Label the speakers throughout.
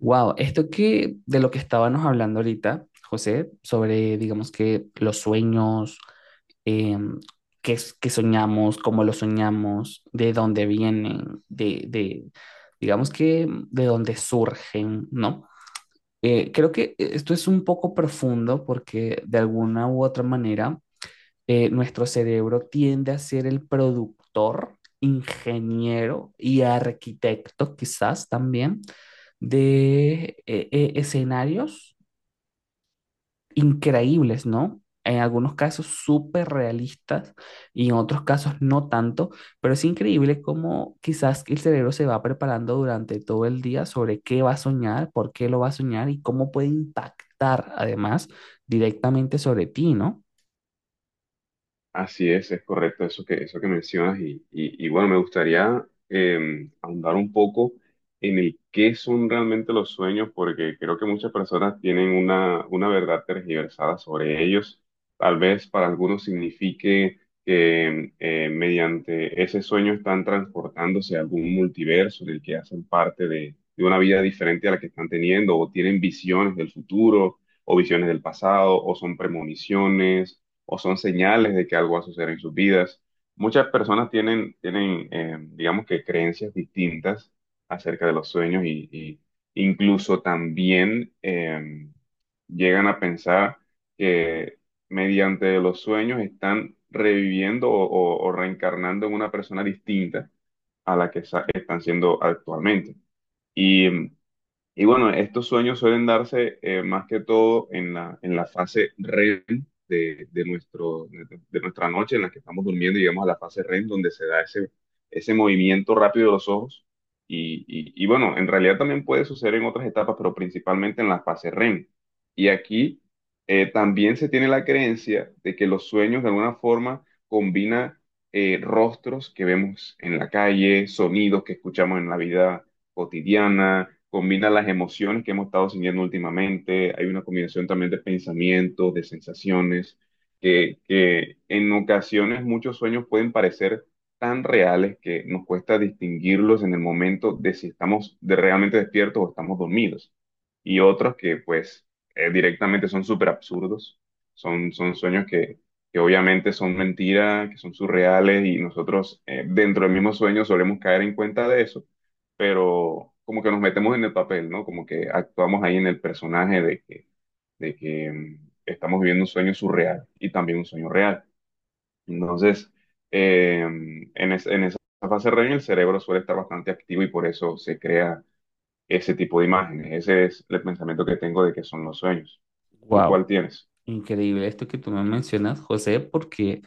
Speaker 1: Wow, esto que de lo que estábamos hablando ahorita, José, sobre digamos que los sueños, em, qué, qué soñamos, cómo lo soñamos, de dónde vienen, de digamos que de dónde surgen, ¿no? Creo que esto es un poco profundo porque de alguna u otra manera nuestro cerebro tiende a ser el productor, ingeniero y arquitecto quizás también de escenarios increíbles, ¿no? En algunos casos súper realistas y en otros casos no tanto, pero es increíble cómo quizás el cerebro se va preparando durante todo el día sobre qué va a soñar, por qué lo va a soñar y cómo puede impactar además directamente sobre ti, ¿no?
Speaker 2: Así es correcto eso eso que mencionas y bueno, me gustaría ahondar un poco en el qué son realmente los sueños, porque creo que muchas personas tienen una verdad tergiversada sobre ellos. Tal vez para algunos signifique que mediante ese sueño están transportándose a algún multiverso del que hacen parte de una vida diferente a la que están teniendo, o tienen visiones del futuro, o visiones del pasado, o son premoniciones o son señales de que algo va a suceder en sus vidas. Muchas personas tienen, digamos que creencias distintas acerca de los sueños y incluso también llegan a pensar que mediante los sueños están reviviendo o reencarnando en una persona distinta a la que sa- están siendo actualmente. Y em, y bueno, estos sueños suelen darse más que todo en la fase REM de nuestro, de nuestra noche en la que estamos durmiendo, y llegamos a la fase REM donde se da ese movimiento rápido de los ojos. Y bueno, en realidad también puede suceder en otras etapas, pero principalmente en la fase REM. Y aquí también se tiene la creencia de que los sueños de alguna forma combina rostros que vemos en la calle, sonidos que escuchamos en la vida cotidiana, combina las emociones que hemos estado sintiendo últimamente, hay una combinación también de pensamientos, de sensaciones, que en ocasiones muchos sueños pueden parecer tan reales que nos cuesta distinguirlos en el momento de si estamos de- realmente despiertos o estamos dormidos. Y otros que pues directamente son súper absurdos, son sueños que obviamente son mentiras, que son surreales y nosotros dentro del mismo sueño solemos caer en cuenta de eso, pero como que nos metemos en el papel, ¿no? Como que actuamos ahí en el personaje de que, estamos viviendo un sueño surreal y también un sueño real. Entonces, en esa fase REM el cerebro suele estar bastante activo y por eso se crea ese tipo de imágenes. Ese es el pensamiento que tengo de que son los sueños. ¿Tú
Speaker 1: Wow.
Speaker 2: cuál tienes?
Speaker 1: Increíble esto que tú me mencionas, José, porque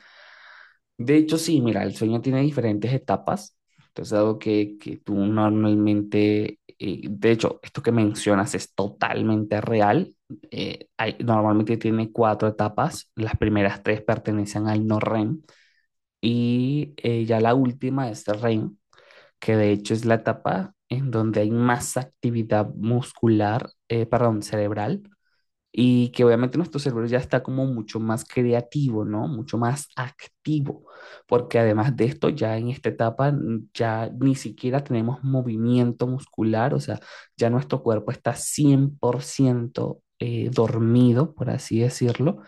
Speaker 1: de hecho sí, mira, el sueño tiene diferentes etapas. Entonces, algo que tú normalmente, de hecho, esto que mencionas es totalmente real. Normalmente tiene cuatro etapas. Las primeras tres pertenecen al no REM y ya la última es el REM, que de hecho es la etapa en donde hay más actividad muscular, perdón, cerebral, y que obviamente nuestro cerebro ya está como mucho más creativo, ¿no? Mucho más activo, porque además de esto, ya en esta etapa ya ni siquiera tenemos movimiento muscular, o sea, ya nuestro cuerpo está 100% dormido, por así decirlo,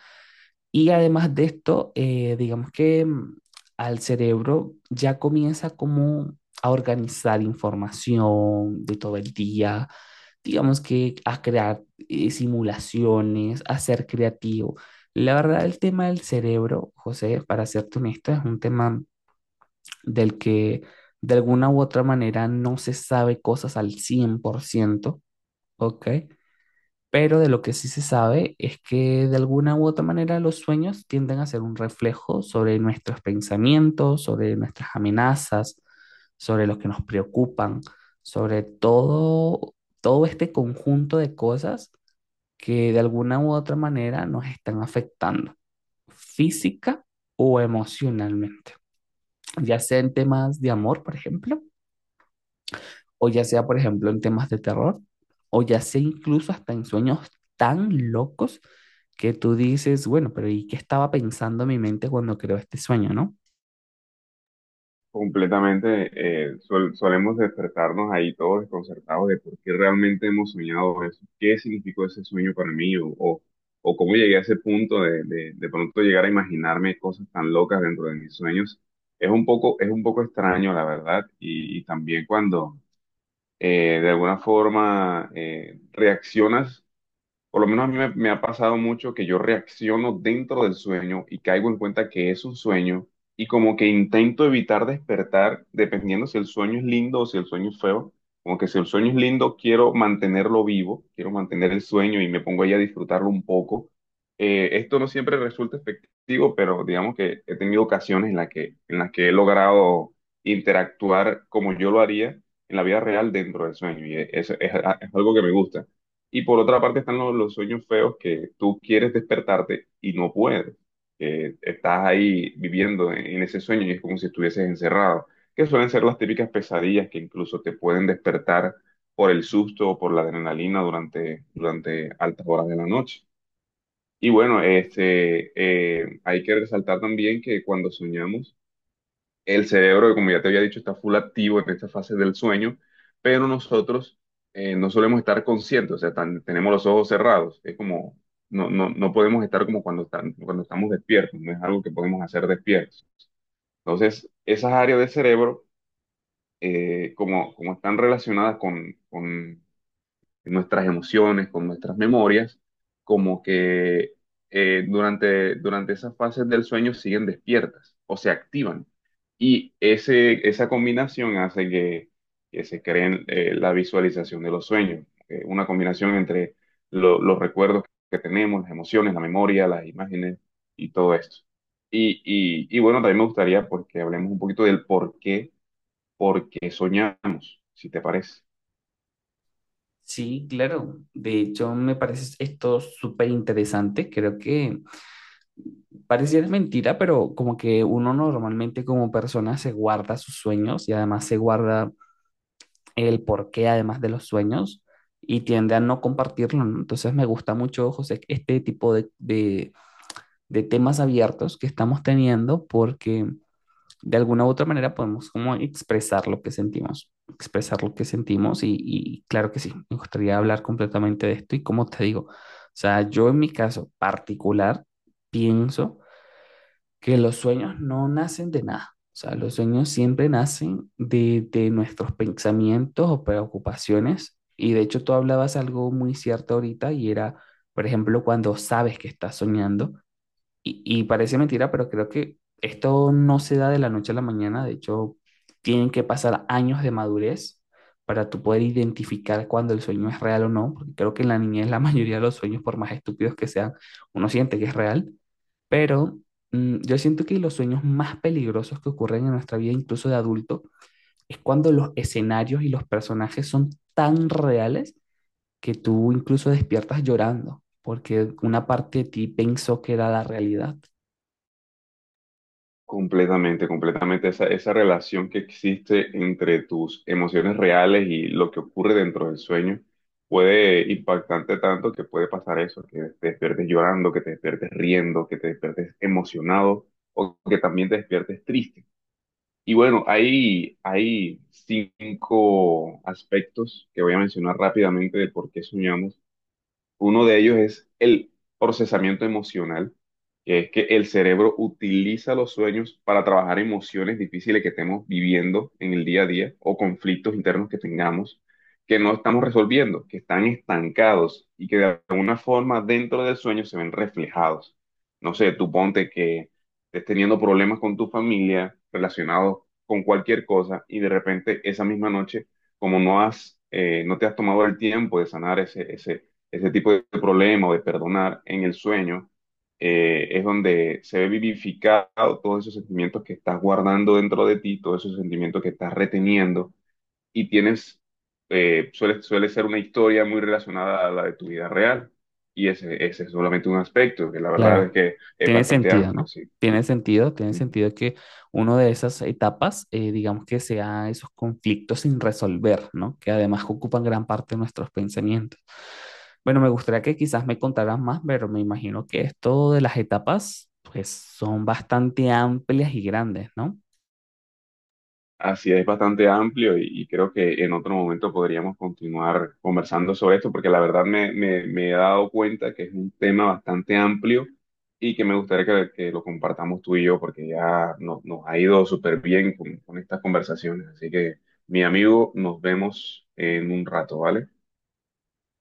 Speaker 1: y además de esto, digamos que al cerebro ya comienza como a organizar información de todo el día, digamos que a crear simulaciones, a ser creativo. La verdad, el tema del cerebro, José, para serte honesto, es un tema del que de alguna u otra manera no se sabe cosas al cien por ciento. ¿Ok? Pero de lo que sí se sabe es que de alguna u otra manera los sueños tienden a ser un reflejo sobre nuestros pensamientos, sobre nuestras amenazas, sobre los que nos preocupan, sobre todo, todo este conjunto de cosas que de alguna u otra manera nos están afectando física o emocionalmente, ya sea en temas de amor, por ejemplo, o ya sea, por ejemplo, en temas de terror, o ya sea incluso hasta en sueños tan locos que tú dices, bueno, ¿pero y qué estaba pensando mi mente cuando creó este sueño, no?
Speaker 2: Completamente, solemos despertarnos ahí todos desconcertados de por qué realmente hemos soñado eso, qué significó ese sueño para mí o cómo llegué a ese punto de pronto llegar a imaginarme cosas tan locas dentro de mis sueños. Es un poco extraño, la verdad, y también cuando de alguna forma reaccionas, por lo menos a mí me ha pasado mucho que yo reacciono dentro del sueño y caigo en cuenta que es un sueño, y como que intento evitar despertar dependiendo si el sueño es lindo o si el sueño es feo. Como que si el sueño es lindo, quiero mantenerlo vivo, quiero mantener el sueño y me pongo ahí a disfrutarlo un poco. Esto no siempre resulta efectivo, pero digamos que he tenido ocasiones en las que he logrado interactuar como yo lo haría en la vida real dentro del sueño, y es algo que me gusta. Y por otra parte están los sueños feos que tú quieres despertarte y no puedes, que estás ahí viviendo en ese sueño y es como si estuvieses encerrado, que suelen ser las típicas pesadillas que incluso te pueden despertar por el susto o por la adrenalina durante altas horas de la noche. Y bueno, hay que resaltar también que cuando soñamos, el cerebro, que como ya te había dicho, está full activo en esta fase del sueño, pero nosotros no solemos estar conscientes, o sea, tan- tenemos los ojos cerrados, es como, no podemos estar como cuando, están, cuando estamos despiertos, no es algo que podemos hacer despiertos. Entonces, esas áreas del cerebro, como están relacionadas con nuestras emociones, con nuestras memorias, como que durante esas fases del sueño siguen despiertas o se activan. Y esa combinación hace que se creen la visualización de los sueños, una combinación entre los recuerdos que tenemos, las emociones, la memoria, las imágenes y todo esto. Y bueno, también me gustaría porque hablemos un poquito del por qué soñamos, si te parece.
Speaker 1: Sí, claro. De hecho, me parece esto súper interesante. Creo que pareciera mentira, pero como que uno normalmente como persona se guarda sus sueños y además se guarda el porqué además de los sueños y tiende a no compartirlo, ¿no? Entonces me gusta mucho, José, este tipo de temas abiertos que estamos teniendo porque de alguna u otra manera podemos como expresar lo que sentimos, expresar lo que sentimos y claro que sí, me gustaría hablar completamente de esto y como te digo, o sea, yo en mi caso particular pienso que los sueños no nacen de nada. O sea, los sueños siempre nacen de nuestros pensamientos o preocupaciones. Y de hecho tú hablabas algo muy cierto ahorita y era, por ejemplo, cuando sabes que estás soñando, y parece mentira, pero creo que esto no se da de la noche a la mañana. De hecho, tienen que pasar años de madurez para tú poder identificar cuando el sueño es real o no. Porque creo que en la niñez la mayoría de los sueños, por más estúpidos que sean, uno siente que es real. Pero yo siento que los sueños más peligrosos que ocurren en nuestra vida, incluso de adulto, es cuando los escenarios y los personajes son tan reales que tú incluso despiertas llorando, porque una parte de ti pensó que era la realidad.
Speaker 2: Completamente, completamente. Esa relación que existe entre tus emociones reales y lo que ocurre dentro del sueño puede impactarte tanto que puede pasar eso, que te despiertes llorando, que te despiertes riendo, que te despiertes emocionado o que también te despiertes triste. Y bueno, hay 5 aspectos que voy a mencionar rápidamente de por qué soñamos. Uno de ellos es el procesamiento emocional, que es que el cerebro utiliza los sueños para trabajar emociones difíciles que estemos viviendo en el día a día o conflictos internos que tengamos, que no estamos resolviendo, que están estancados y que de alguna forma dentro del sueño se ven reflejados. No sé, tú ponte que estés teniendo problemas con tu familia relacionados con cualquier cosa, y de repente esa misma noche, como no has, no te has tomado el tiempo de sanar ese tipo de problema o de perdonar en el sueño, es donde se ve vivificado todos esos sentimientos que estás guardando dentro de ti, todos esos sentimientos que estás reteniendo y tienes, suele ser una historia muy relacionada a la de tu vida real. Y ese es solamente un aspecto, que la verdad es
Speaker 1: Claro,
Speaker 2: que es
Speaker 1: tiene
Speaker 2: bastante
Speaker 1: sentido,
Speaker 2: amplio,
Speaker 1: ¿no?
Speaker 2: sí.
Speaker 1: Tiene sentido que una de esas etapas, digamos que sea esos conflictos sin resolver, ¿no? Que además ocupan gran parte de nuestros pensamientos. Bueno, me gustaría que quizás me contaras más, pero me imagino que esto de las etapas, pues son bastante amplias y grandes, ¿no?
Speaker 2: Así es, bastante amplio, y creo que en otro momento podríamos continuar conversando sobre esto, porque la verdad me he dado cuenta que es un tema bastante amplio y que me gustaría que lo compartamos tú y yo, porque ya no- nos ha ido súper bien con estas conversaciones. Así que, mi amigo, nos vemos en un rato, ¿vale?